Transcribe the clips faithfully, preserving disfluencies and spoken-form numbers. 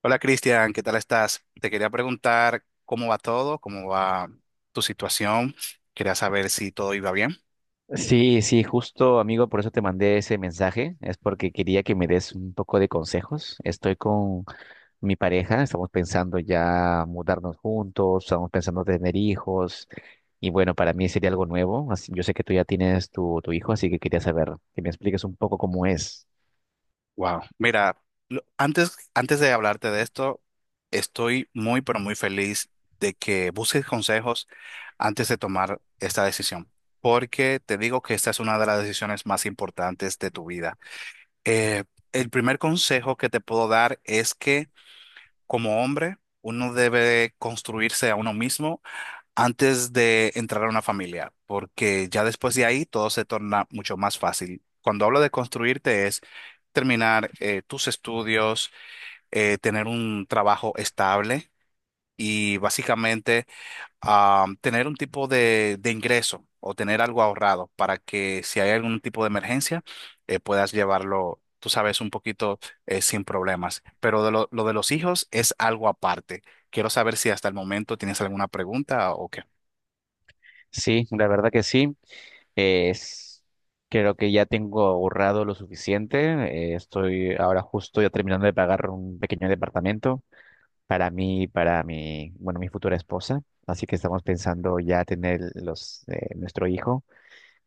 Hola Cristian, ¿qué tal estás? Te quería preguntar cómo va todo, cómo va tu situación. Quería saber si todo iba bien. Sí, sí, justo amigo, por eso te mandé ese mensaje, es porque quería que me des un poco de consejos. Estoy con mi pareja, estamos pensando ya mudarnos juntos, estamos pensando tener hijos y bueno, para mí sería algo nuevo. Así- yo sé que tú ya tienes tu, tu hijo, así que quería saber que me expliques un poco cómo es. Wow. Mira, lo- antes, antes de hablarte de esto, estoy muy, pero muy feliz de que busques consejos antes de tomar esta decisión, porque te digo que esta es una de las decisiones más importantes de tu vida. Eh, el primer consejo que te puedo dar es que como hombre, uno debe construirse a uno mismo antes de entrar a una familia, porque ya después de ahí todo se torna mucho más fácil. Cuando hablo de construirte es terminar eh, tus estudios, eh, tener un trabajo estable y básicamente ah, tener un tipo de, de ingreso o tener algo ahorrado para que si hay algún tipo de emergencia eh, puedas llevarlo, tú sabes, un poquito eh, sin problemas. Pero de lo, lo de los hijos es algo aparte. Quiero saber si hasta el momento tienes alguna pregunta o qué. Sí, la verdad que sí. Es, creo que ya tengo ahorrado lo suficiente. Eh, estoy ahora justo ya terminando de pagar un pequeño departamento para mí y para mi, bueno, mi futura esposa. Así que estamos pensando ya tener los, eh, nuestro hijo,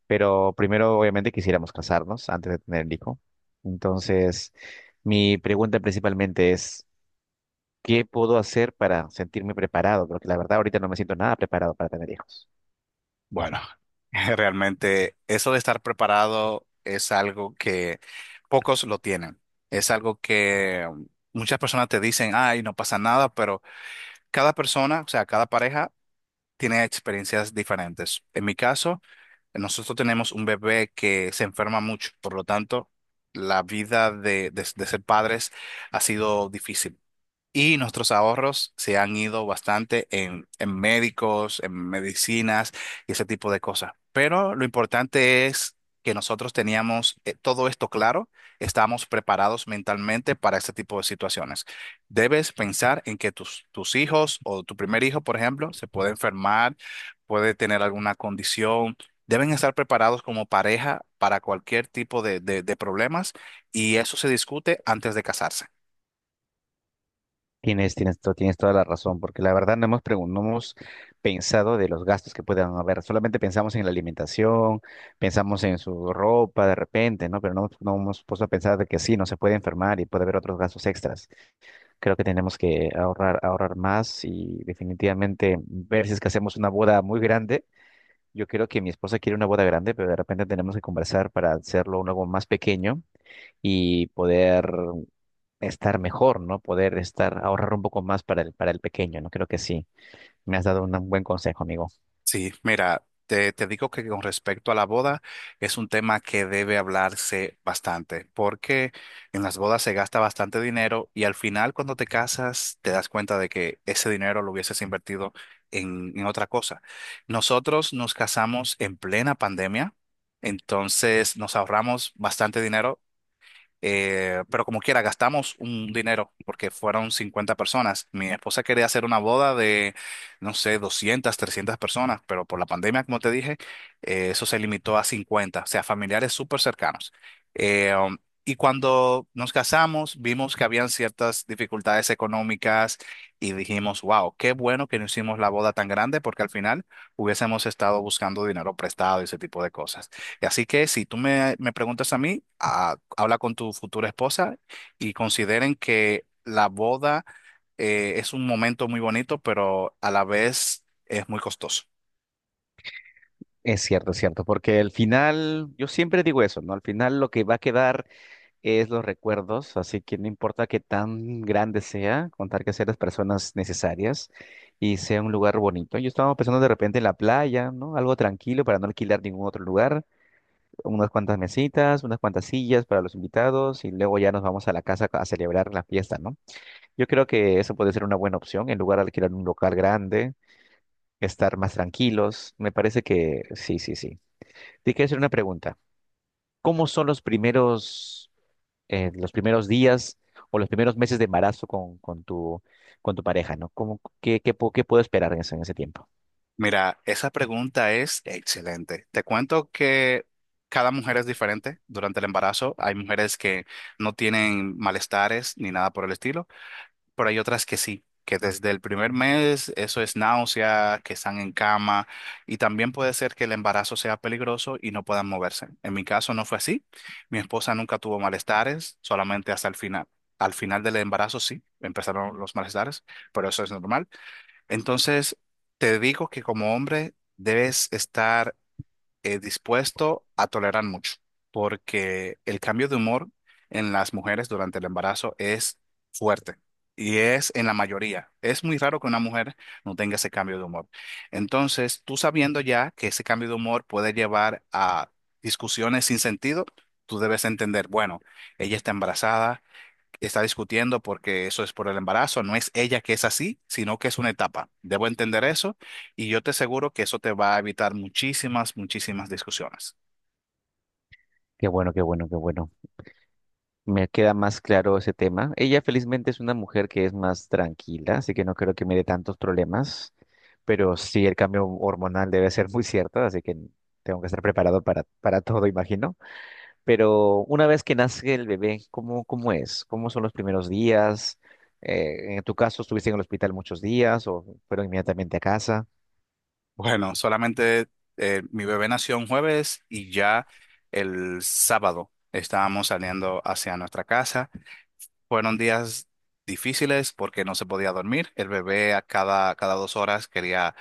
pero primero obviamente quisiéramos casarnos antes de tener el hijo. Entonces, mi pregunta principalmente es, ¿qué puedo hacer para sentirme preparado? Porque la verdad ahorita no me siento nada preparado para tener hijos. Bueno, realmente eso de estar preparado es algo que pocos lo tienen. Es algo que um, muchas personas te dicen, ay, no pasa nada, pero cada persona, o sea, cada pareja tiene experiencias diferentes. En mi caso, nosotros tenemos un bebé que se enferma mucho, por lo tanto, la vida de, de de ser padres ha sido difícil. Y nuestros ahorros se han ido bastante en, en médicos, en medicinas y ese tipo de cosas. Pero lo importante es que nosotros teníamos eh, todo esto claro, estábamos preparados mentalmente para este tipo de situaciones. Debes pensar en que tus, tus hijos o tu primer hijo, por ejemplo, se puede enfermar, puede tener alguna condición. Deben estar preparados como pareja para cualquier tipo de de- de problemas y eso se discute antes de casarse. Tienes, tienes, to- tienes toda la razón, porque la verdad no hemos, pregun- no hemos pensado de los gastos que puedan haber, solamente pensamos en la alimentación, pensamos en su ropa de repente, ¿no? Pero no, no hemos puesto a pensar de que sí, no se puede enfermar y puede haber otros gastos extras. Creo que tenemos que ahorrar, ahorrar más y definitivamente ver si es que hacemos una boda muy grande. Yo creo que mi esposa quiere una boda grande, pero de repente tenemos que conversar para hacerlo algo más pequeño y poder estar mejor, ¿no? Poder estar, ahorrar un poco más para el, para el pequeño, ¿no? Creo que sí. Me has dado un buen consejo, amigo. Sí, mira, te, te digo que con respecto a la boda es un tema que debe hablarse bastante, porque en las bodas se gasta bastante dinero y al final cuando te casas te das cuenta de que ese dinero lo hubieses invertido en, en otra cosa. Nosotros nos casamos en plena pandemia, entonces nos ahorramos bastante dinero, eh, pero como quiera, gastamos un dinero porque fueron cincuenta personas. Mi esposa quería hacer una boda de, no sé, doscientas trescientas personas, pero por la pandemia, como te dije, eh, eso se limitó a cincuenta, o sea, familiares súper cercanos. Eh, um, y cuando nos casamos, vimos que habían ciertas dificultades económicas y dijimos, wow, qué bueno que no hicimos la boda tan grande porque al final hubiésemos estado buscando dinero prestado y ese tipo de cosas. Así que si tú me, me preguntas a mí, ah, habla con tu futura esposa y consideren que la boda eh, es un momento muy bonito, pero a la vez es muy costoso. Es cierto, es cierto, porque al final, yo siempre digo eso, ¿no? Al final lo que va a quedar es los recuerdos, así que no importa qué tan grande sea, contar que sean las personas necesarias y sea un lugar bonito. Yo estaba pensando de repente en la playa, ¿no? Algo tranquilo para no alquilar ningún otro lugar, unas cuantas mesitas, unas cuantas sillas para los invitados y luego ya nos vamos a la casa a celebrar la fiesta, ¿no? Yo creo que eso puede ser una buena opción en lugar de alquilar un local grande, estar más tranquilos. Me parece que sí, sí, sí. Te quiero hacer una pregunta. ¿Cómo son los primeros, eh, los primeros días o los primeros meses de embarazo con, con tu, con tu pareja, ¿no? ¿Cómo, qué, qué, pu- qué puedo esperar en ese, en ese tiempo? Mira, esa pregunta es excelente. Te cuento que cada mujer es diferente durante el embarazo. Hay mujeres que no tienen malestares ni nada por el estilo. Pero hay otras que sí, que desde el primer mes eso es náusea, que están en cama, y también puede ser que el embarazo sea peligroso y no puedan moverse. En mi caso no fue así. Mi esposa nunca tuvo malestares, solamente hasta el final. Al final del embarazo sí, empezaron los malestares, pero eso es normal. Entonces, te digo que como hombre debes estar eh, dispuesto a tolerar mucho, porque el cambio de humor en las mujeres durante el embarazo es fuerte, y es en la mayoría. Es muy raro que una mujer no tenga ese cambio de humor. Entonces, tú, sabiendo ya que ese cambio de humor puede llevar a discusiones sin sentido, tú debes entender, bueno, ella está embarazada, está discutiendo porque eso es por el embarazo, no es ella que es así, sino que es una etapa. Debo entender eso, y yo te aseguro que eso te va a evitar muchísimas, muchísimas discusiones. Qué bueno, qué bueno, qué bueno. Me queda más claro ese tema. Ella felizmente es una mujer que es más tranquila, así que no creo que me dé tantos problemas, pero sí el cambio hormonal debe ser muy cierto, así que tengo que estar preparado para, para todo, imagino. Pero una vez que nace el bebé, ¿cómo, cómo es? ¿Cómo son los primeros días? Eh, en tu caso, ¿estuviste en el hospital muchos días o fueron inmediatamente a casa? Bueno, solamente, eh, mi bebé nació un jueves y ya el sábado estábamos saliendo hacia nuestra casa. Fueron días difíciles porque no se podía dormir. El bebé, a cada, cada dos horas, quería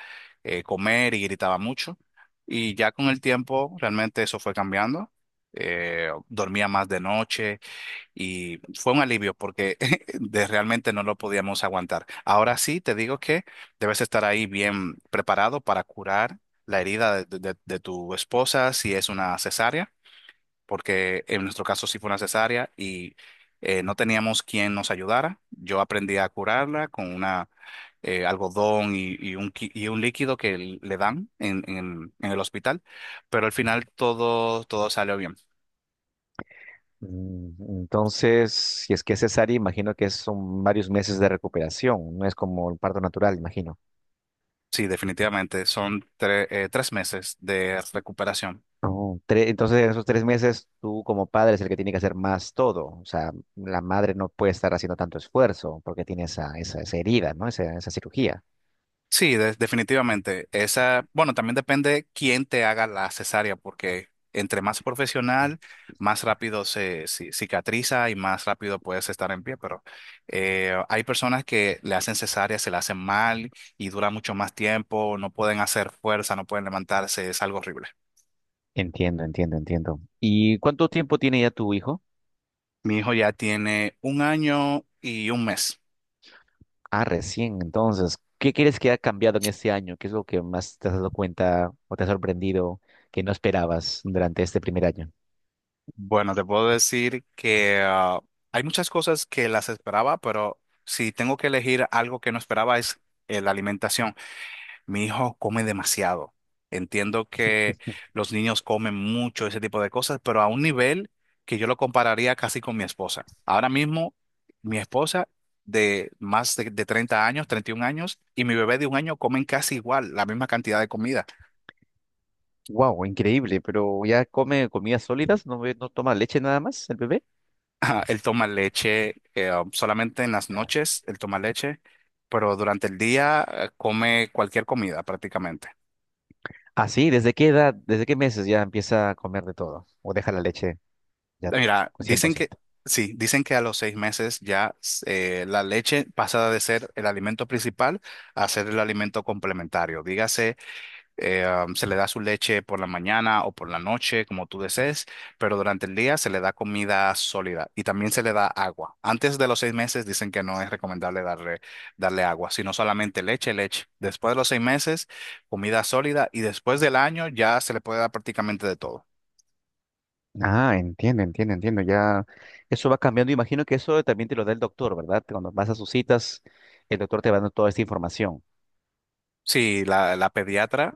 eh, comer y gritaba mucho. Y ya con el tiempo realmente eso fue cambiando. Eh, dormía más de noche y fue un alivio porque de- realmente no lo podíamos aguantar. Ahora sí, te digo que debes estar ahí bien preparado para curar la herida de de- de- de tu esposa si es una cesárea, porque en nuestro caso sí fue una cesárea y eh, no teníamos quien nos ayudara. Yo aprendí a curarla con una eh, algodón y, y un, qui- y un líquido que l- le dan en, en- en el hospital, pero al final todo, todo salió bien. Mm, entonces, si es que es cesárea, imagino que son varios meses de recuperación, no es como el parto natural, imagino. Sí, definitivamente, son tre- eh, tres meses de recuperación. Oh, tre- entonces, en esos tres meses, tú como padre es el que tiene que hacer más todo. O sea, la madre no puede estar haciendo tanto esfuerzo porque tiene esa, esa, esa herida, ¿no? Esa, esa cirugía. Sí, de- definitivamente. Esa, bueno, también depende quién te haga la cesárea, porque entre más profesional, más rápido se ci- cicatriza y más rápido puedes estar en pie. Pero eh, hay personas que le hacen cesárea, se la hacen mal, y dura mucho más tiempo, no pueden hacer fuerza, no pueden levantarse, es algo horrible. Entiendo, entiendo, entiendo. ¿Y cuánto tiempo tiene ya tu hijo? Mi hijo ya tiene un año y un mes. Ah, recién, entonces. ¿Qué crees que ha cambiado en este año? ¿Qué es lo que más te has dado cuenta o te ha sorprendido que no esperabas durante este primer año? Bueno, te puedo decir que ah, hay muchas cosas que las esperaba, pero si tengo que elegir algo que no esperaba es eh, la alimentación. Mi hijo come demasiado. Entiendo que los niños comen mucho, ese tipo de cosas, pero a un nivel que yo lo compararía casi con mi esposa. Ahora mismo, mi esposa, de más de, de treinta años, treinta y un años, y mi bebé de un año comen casi igual, la misma cantidad de comida. Wow, increíble, pero ya come comidas sólidas, no, ve- no toma leche nada más el bebé. Ajá. Él toma leche eh, um, solamente en las noches, él toma leche, pero durante el día eh, come cualquier comida prácticamente. Ah, sí, ¿desde qué edad, desde qué meses ya empieza a comer de todo? ¿O deja la leche ya Mira, cien por dicen que, ciento? sí, dicen que a los seis meses ya eh, la leche pasa de ser el alimento principal a ser el alimento complementario. Dígase, eh, am, se le da su leche por la mañana o por la noche, como tú desees, pero durante el día se le da comida sólida y también se le da agua. Antes de los seis meses dicen que no es recomendable darle, darle agua, sino solamente leche, leche. Después de los seis meses, comida sólida, y después del año ya se le puede dar prácticamente de todo. Ah, entiendo, entiendo, entiendo. Ya eso va cambiando. Imagino que eso también te lo da el doctor, ¿verdad? Cuando vas a sus citas, el doctor te va dando toda esta información. Sí, la, la pediatra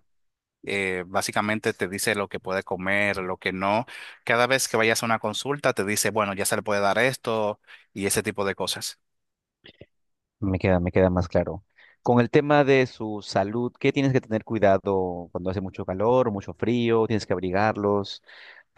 eh, básicamente te dice lo que puede comer, lo que no. Cada vez que vayas a una consulta te dice, bueno, ya se le puede dar esto y ese tipo de cosas. Me queda, me queda más claro. Con el tema de su salud, ¿qué tienes que tener cuidado cuando hace mucho calor, mucho frío? ¿Tienes que abrigarlos?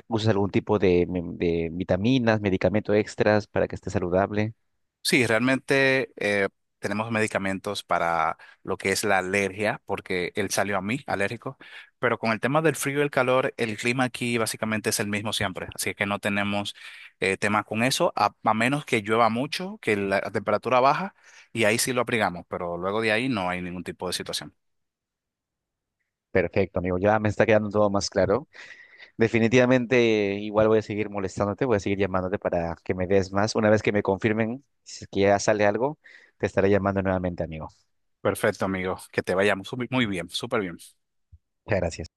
¿Usas algún tipo de, me- de vitaminas, medicamento extras para que esté saludable? Sí, realmente eh, tenemos medicamentos para lo que es la alergia, porque él salió a mí alérgico, pero con el tema del frío y el calor, el clima aquí básicamente es el mismo siempre, así que no tenemos eh, tema con eso, a, a menos que llueva mucho, que la temperatura baja, y ahí sí lo abrigamos, pero luego de ahí no hay ningún tipo de situación. Perfecto, amigo. Ya me está quedando todo más claro. Definitivamente, igual voy a seguir molestándote, voy a seguir llamándote para que me des más. Una vez que me confirmen si es que ya sale algo, te estaré llamando nuevamente, amigo. Perfecto, amigo, que te vayamos muy muy bien, súper bien. Muchas gracias.